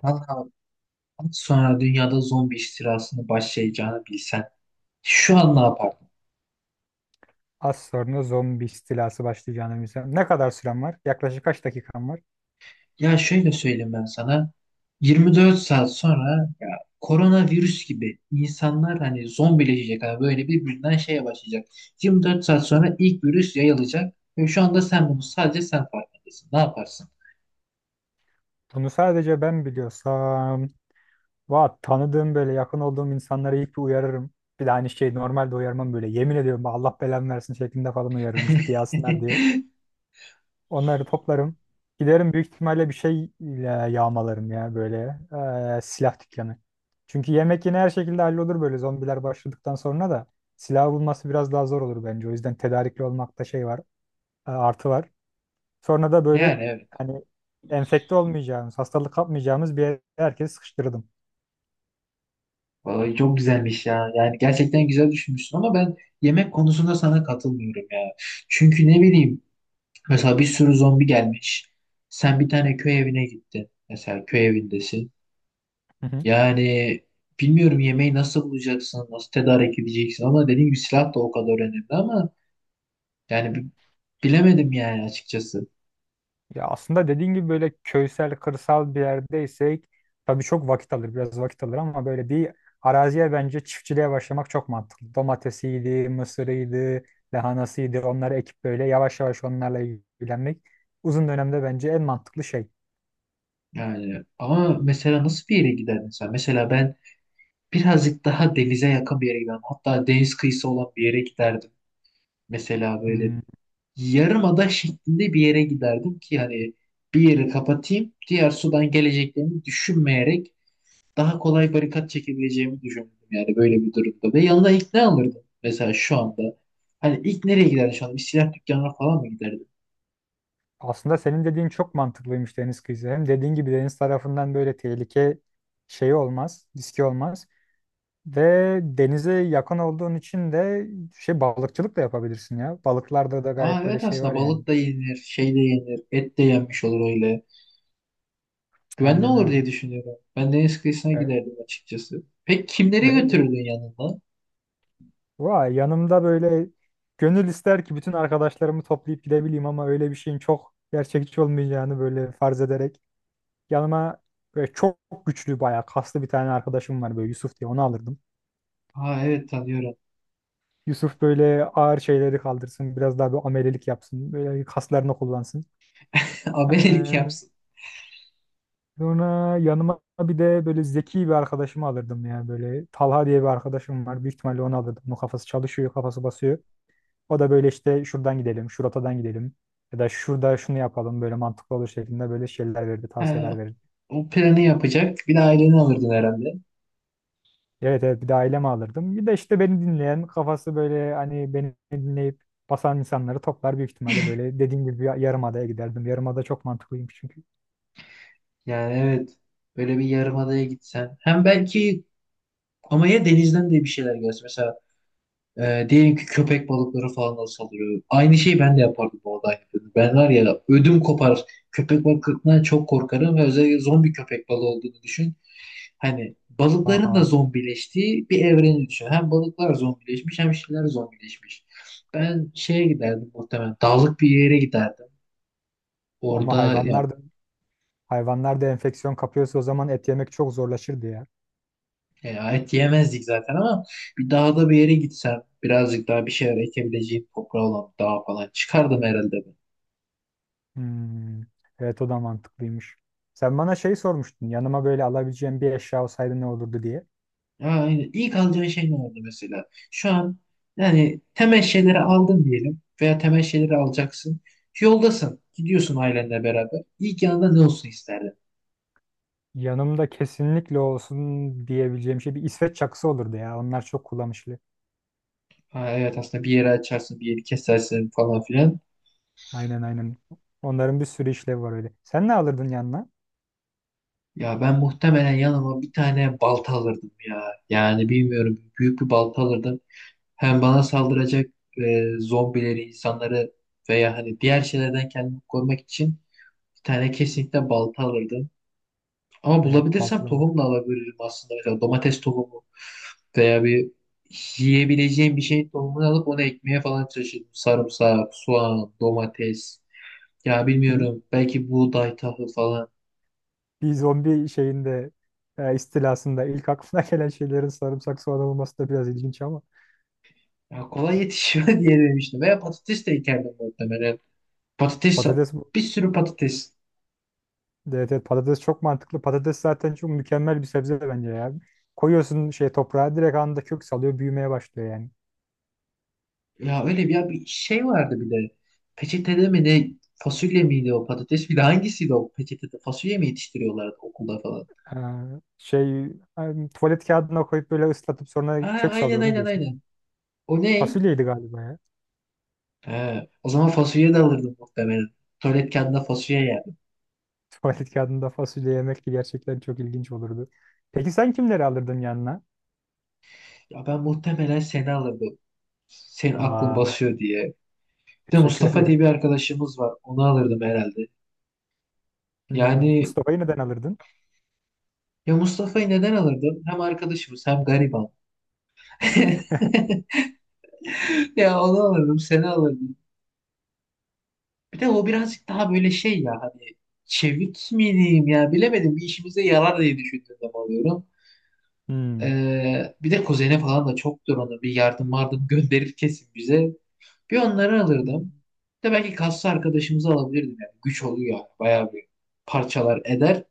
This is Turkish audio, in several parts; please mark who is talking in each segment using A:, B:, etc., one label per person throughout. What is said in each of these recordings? A: Kanka, az sonra dünyada zombi istilasını başlayacağını bilsen şu an ne yapardın?
B: Az sonra zombi istilası başlayacağını bilsem. Ne kadar sürem var? Yaklaşık kaç dakikam var?
A: Ya şöyle söyleyeyim ben sana, 24 saat sonra ya, koronavirüs gibi insanlar hani zombileşecek, hani böyle birbirinden şeye başlayacak. 24 saat sonra ilk virüs yayılacak ve şu anda sen bunu, sadece sen farkındasın. Ne yaparsın?
B: Bunu sadece ben biliyorsam. Va tanıdığım böyle yakın olduğum insanlara ilk bir uyarırım. Bir de aynı şey normalde uyarmam böyle. Yemin ediyorum bak Allah belamı versin şeklinde falan uyarırım ciddiye alsınlar diye. Onları toplarım. Giderim büyük ihtimalle bir şeyle yağmalarım ya böyle silah dükkanı. Çünkü yemek yine her şekilde hallolur böyle zombiler başladıktan sonra da. Silah bulması biraz daha zor olur bence. O yüzden tedarikli olmakta şey var, artı var. Sonra da böyle
A: Yani evet.
B: hani enfekte olmayacağımız, hastalık kapmayacağımız bir yere herkesi sıkıştırdım.
A: Vallahi çok güzelmiş ya. Yani gerçekten güzel düşünmüşsün ama ben yemek konusunda sana katılmıyorum ya. Çünkü ne bileyim, mesela bir sürü zombi gelmiş. Sen bir tane köy evine gittin. Mesela köy evindesin.
B: Hı hı.
A: Yani bilmiyorum yemeği nasıl bulacaksın, nasıl tedarik edeceksin, ama dediğim gibi silah da o kadar önemli ama yani bilemedim yani açıkçası.
B: Ya aslında dediğin gibi böyle köysel, kırsal bir yerdeysek tabii çok vakit alır, biraz vakit alır ama böyle bir araziye bence çiftçiliğe başlamak çok mantıklı. Domatesiydi, mısırıydı, lahanasıydı onları ekip böyle yavaş yavaş onlarla ilgilenmek uzun dönemde bence en mantıklı şey.
A: Yani ama mesela nasıl bir yere giderdin sen? Mesela ben birazcık daha denize yakın bir yere giderdim. Hatta deniz kıyısı olan bir yere giderdim. Mesela böyle
B: Hmm,
A: yarımada şeklinde bir yere giderdim ki hani bir yeri kapatayım, diğer sudan geleceklerini düşünmeyerek daha kolay barikat çekebileceğimi düşündüm yani böyle bir durumda. Ve yanına ilk ne alırdım mesela şu anda? Hani ilk nereye giderdim şu anda? Bir silah dükkanına falan mı giderdim?
B: aslında senin dediğin çok mantıklıymış deniz kıyısı. Hem dediğin gibi deniz tarafından böyle tehlike şeyi olmaz, riski olmaz. Ve denize yakın olduğun için de şey balıkçılık da yapabilirsin ya. Balıklarda da
A: Aa
B: gayet böyle
A: evet,
B: şey
A: aslında
B: var yani.
A: balık da yenilir, şey de yenilir, et de yenmiş olur öyle. Güvenli
B: Aynen
A: olur
B: öyle.
A: diye düşünüyorum. Ben deniz kıyısına
B: Ve,
A: giderdim açıkçası. Peki kimleri
B: de,
A: götürürdün yanında?
B: yanımda böyle gönül ister ki bütün arkadaşlarımı toplayıp gidebileyim ama öyle bir şeyin çok gerçekçi olmayacağını böyle farz ederek yanıma böyle çok güçlü bayağı kaslı bir tane arkadaşım var böyle Yusuf diye onu alırdım.
A: Aa evet, tanıyorum.
B: Yusuf böyle ağır şeyleri kaldırsın biraz daha bir amelelik yapsın böyle kaslarını kullansın.
A: Abelik yapsın.
B: Sonra yanıma bir de böyle zeki bir arkadaşımı alırdım ya böyle Talha diye bir arkadaşım var. Büyük ihtimalle onu alırdım. Onun kafası çalışıyor, kafası basıyor. O da böyle işte şuradan gidelim, şuradan gidelim ya da şurada şunu yapalım böyle mantıklı olur şeklinde böyle şeyler verdi,
A: Ha,
B: tavsiyeler verdi.
A: o planı yapacak. Bir de aileni alırdın herhalde.
B: Evet evet, bir de ailemi alırdım. Bir de işte beni dinleyen, kafası böyle hani beni dinleyip basan insanları toplar büyük ihtimalle böyle dediğim gibi bir yarımadaya giderdim. Yarımada çok mantıklıymış çünkü.
A: Yani evet. Böyle bir yarımadaya gitsen. Hem belki ama ya denizden de bir şeyler görsen. Mesela diyelim ki köpek balıkları falan da saldırıyor. Aynı şeyi ben de yapardım bu arada. Ben var ya, ödüm kopar. Köpek balıklarından çok korkarım ve özellikle zombi köpek balığı olduğunu düşün. Hani balıkların da
B: Aa,
A: zombileştiği bir evreni düşün. Hem balıklar zombileşmiş hem şeyler zombileşmiş. Ben şeye giderdim muhtemelen. Dağlık bir yere giderdim.
B: ama
A: Orada ya,
B: hayvanlar da hayvanlar da enfeksiyon kapıyorsa o zaman et yemek çok zorlaşırdı ya.
A: ya et yemezdik zaten ama bir dağda bir yere gitsem birazcık daha bir şeyler ekebileceğim toprağı olan bir dağa falan çıkardım herhalde.
B: Hmm, evet o da mantıklıymış. Sen bana şey sormuştun. Yanıma böyle alabileceğim bir eşya olsaydı ne olurdu diye.
A: Yani ilk alacağın şey ne oldu mesela? Şu an yani temel şeyleri aldın diyelim veya temel şeyleri alacaksın. Yoldasın. Gidiyorsun ailenle beraber. İlk yanında ne olsun isterdin?
B: Yanımda kesinlikle olsun diyebileceğim şey bir İsveç çakısı olurdu ya. Onlar çok kullanışlı.
A: Ha, evet aslında bir yere açarsın, bir yeri kesersin falan filan.
B: Aynen aynen. Onların bir sürü işlevi var öyle. Sen ne alırdın yanına?
A: Ya ben muhtemelen yanıma bir tane balta alırdım ya. Yani bilmiyorum, büyük bir balta alırdım. Hem bana saldıracak zombileri, insanları veya hani diğer şeylerden kendimi korumak için bir tane kesinlikle balta alırdım. Ama
B: Evet
A: bulabilirsem
B: baltalı mı?
A: tohum da alabilirim aslında. Mesela domates tohumu veya bir yiyebileceğim bir şeyin tohumunu alıp onu ekmeye falan çalışırım. Sarımsak, soğan, domates. Ya
B: Bir,
A: bilmiyorum, belki buğday, tahıl falan.
B: bir zombi şeyinde istilasında ilk aklına gelen şeylerin sarımsak soğan olması da biraz ilginç ama
A: Ya kolay yetişiyor diye demiştim. Veya patates de ekerdim muhtemelen. Patates,
B: patates.
A: bir sürü patates.
B: Evet, evet, patates çok mantıklı. Patates zaten çok mükemmel bir sebze bence ya. Koyuyorsun şey toprağa direkt anında kök salıyor büyümeye başlıyor yani.
A: Ya öyle bir, ya bir şey vardı bir de. Peçetede mi ne? Fasulye miydi, o patates miydi? Hangisiydi o peçetede? Fasulye mi yetiştiriyorlardı okulda falan?
B: Ee, şey tuvalet kağıdına koyup böyle ıslatıp sonra
A: Aa,
B: kök
A: aynen
B: salıyor onu
A: aynen
B: diyorsun değil mi?
A: aynen. O ne?
B: Fasulyeydi galiba ya.
A: He, o zaman fasulye de alırdım muhtemelen. Tuvalet kağıdında fasulye yerdim.
B: Tuvalet kağıdında fasulye yemek de gerçekten çok ilginç olurdu. Peki sen kimleri alırdın yanına?
A: Ya ben muhtemelen seni alırdım. Senin aklın
B: Aa,
A: basıyor diye. Bir de
B: teşekkür
A: Mustafa
B: ediyorum.
A: diye bir arkadaşımız var. Onu alırdım herhalde.
B: Hmm,
A: Yani
B: Mustafa'yı neden alırdın?
A: ya Mustafa'yı neden alırdım? Hem arkadaşımız hem gariban. Ya onu alırdım, seni alırdım. Bir de o birazcık daha böyle şey ya hani, çevik miyim? Ya bilemedim, bir işimize yarar diye düşündüğüm zaman alıyorum.
B: Hmm.
A: Bir de kuzene falan da çoktur, onu bir yardım vardım gönderir kesin bize. Bir onları
B: Hmm.
A: alırdım. Bir de belki kaslı arkadaşımızı alabilirdim. Yani güç oluyor yani. Bayağı bir parçalar eder.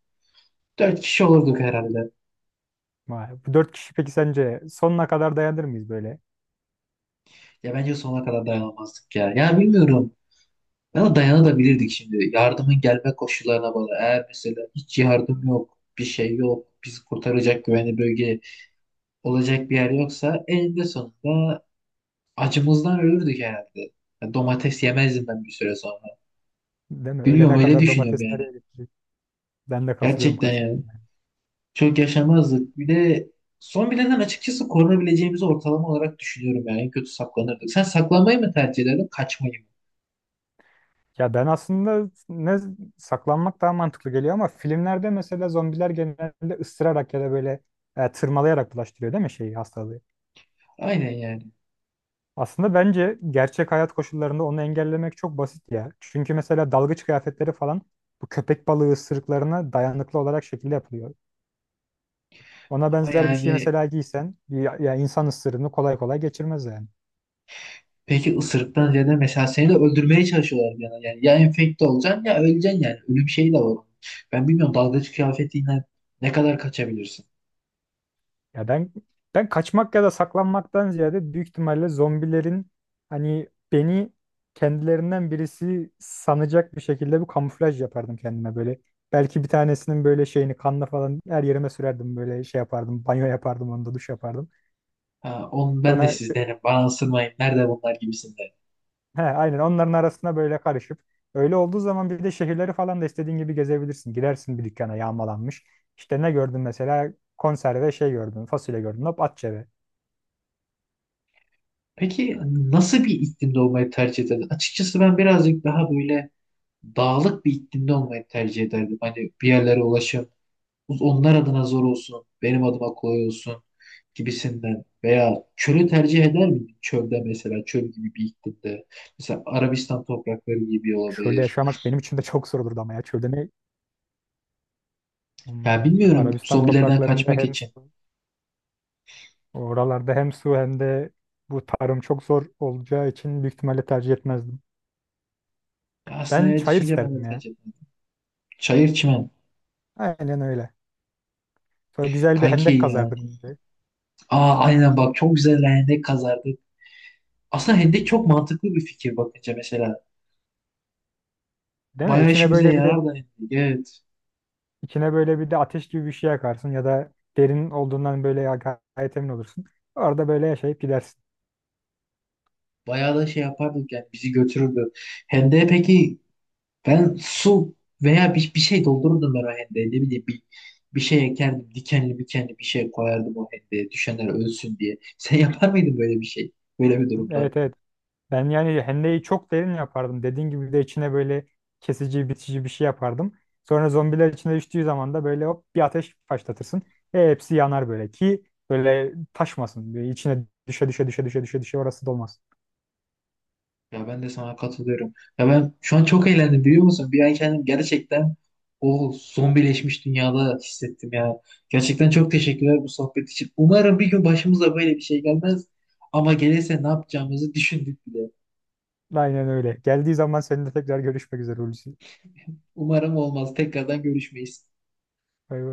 A: Dört kişi olurduk herhalde.
B: Vay, bu dört kişi peki sence sonuna kadar dayanır mıyız böyle?
A: Ya bence sonuna kadar dayanamazdık ya. Ya bilmiyorum. Ya dayanabilirdik şimdi. Yardımın gelme koşullarına bağlı. Eğer mesela hiç yardım yok, bir şey yok, bizi kurtaracak güvenli bölge olacak bir yer yoksa eninde sonunda acımızdan ölürdük herhalde. Ya domates yemezdim ben bir süre sonra.
B: Değil mi?
A: Bilmiyorum,
B: Öğlene
A: öyle
B: kadar
A: düşünüyorum
B: domates
A: yani.
B: nereye gitti? Ben de katılıyorum,
A: Gerçekten yani.
B: katılıyorum.
A: Çok yaşamazdık. Bir de son bilenden açıkçası korunabileceğimizi ortalama olarak düşünüyorum yani. En kötü saklanırdık. Sen saklanmayı mı tercih ederdin, kaçmayı mı?
B: Ya ben aslında ne, saklanmak daha mantıklı geliyor ama filmlerde mesela zombiler genelde ısırarak ya da böyle tırmalayarak bulaştırıyor değil mi şeyi hastalığı?
A: Aynen yani.
B: Aslında bence gerçek hayat koşullarında onu engellemek çok basit ya. Çünkü mesela dalgıç kıyafetleri falan bu köpek balığı ısırıklarına dayanıklı olarak şekilde yapılıyor. Ona
A: Ama
B: benzer bir şey
A: yani,
B: mesela giysen ya, ya insan ısırığını kolay kolay geçirmez yani.
A: peki ısırıktan ziyade mesela seni de öldürmeye çalışıyorlar bir yana. Yani ya enfekte olacaksın ya öleceksin yani. Ölüm şeyi de var. Ben bilmiyorum, dalgıç kıyafetiyle ne kadar kaçabilirsin?
B: Ya ben kaçmak ya da saklanmaktan ziyade büyük ihtimalle zombilerin hani beni kendilerinden birisi sanacak bir şekilde bir kamuflaj yapardım kendime böyle. Belki bir tanesinin böyle şeyini kanla falan her yerime sürerdim böyle şey yapardım. Banyo yapardım onda duş yapardım.
A: Ha, onu ben de
B: Sonra
A: sizdenim. Bana ısırmayın. Nerede bunlar gibisinden.
B: he, aynen onların arasına böyle karışıp öyle olduğu zaman bir de şehirleri falan da istediğin gibi gezebilirsin. Girersin bir dükkana yağmalanmış. İşte ne gördün mesela konserve şey gördün fasulye gördün hop at cebe.
A: Peki nasıl bir iklimde olmayı tercih ederdin? Açıkçası ben birazcık daha böyle dağlık bir iklimde olmayı tercih ederdim. Hani bir yerlere ulaşım onlar adına zor olsun, benim adıma kolay olsun gibisinden. Veya çölü tercih eder miydim? Çölde, mesela çöl gibi bir iklimde. Mesela Arabistan toprakları gibi
B: Çölde
A: olabilir.
B: yaşamak benim için de çok zor olurdu ama ya çölde ne?
A: Ya
B: Hmm,
A: bilmiyorum,
B: Arabistan
A: zombilerden
B: topraklarında
A: kaçmak
B: hem
A: için.
B: su, oralarda hem su hem de bu tarım çok zor olacağı için büyük ihtimalle tercih etmezdim.
A: Ya aslında
B: Ben
A: evet,
B: çayır
A: düşünce ben de
B: isterdim ya.
A: tercih ederim. Çayır çimen.
B: Aynen öyle. Sonra güzel bir
A: Kanki
B: hendek kazardık.
A: yani. Aa aynen bak, çok güzel hendek kazardık. Aslında hendek çok mantıklı bir fikir bakınca mesela.
B: Değil mi?
A: Bayağı
B: İçine
A: işimize
B: böyle bir de
A: yarar da hendek. Evet.
B: içine böyle bir de ateş gibi bir şey yakarsın ya da derin olduğundan gayet emin olursun. Orada böyle yaşayıp gidersin.
A: Bayağı da şey yapardık yani, bizi götürürdü. Hendeye peki ben su veya bir şey doldururdum ben o hendeye, ne bileyim bir, bir şey ekerdim, dikenli dikenli bir şey koyardım o hendeye, düşenler ölsün diye. Sen yapar mıydın böyle bir şey? Böyle bir durumda.
B: Evet evet, ben yani hendeyi çok derin yapardım. Dediğin gibi bir de içine böyle kesici, bitici bir şey yapardım. Sonra zombiler içine düştüğü zaman da böyle hop bir ateş başlatırsın. Hepsi yanar böyle ki böyle taşmasın. Böyle içine düşe düşe düşe düşe düşe düşe orası dolmaz.
A: Ya ben de sana katılıyorum. Ya ben şu an çok eğlendim biliyor musun? Bir an kendim gerçekten o zombileşmiş dünyada hissettim ya. Gerçekten çok teşekkürler bu sohbet için. Umarım bir gün başımıza böyle bir şey gelmez. Ama gelirse ne yapacağımızı düşündük bile.
B: Aynen öyle. Geldiği zaman seninle tekrar görüşmek üzere Hulusi.
A: Umarım olmaz. Tekrardan görüşmeyiz.
B: Bay bay.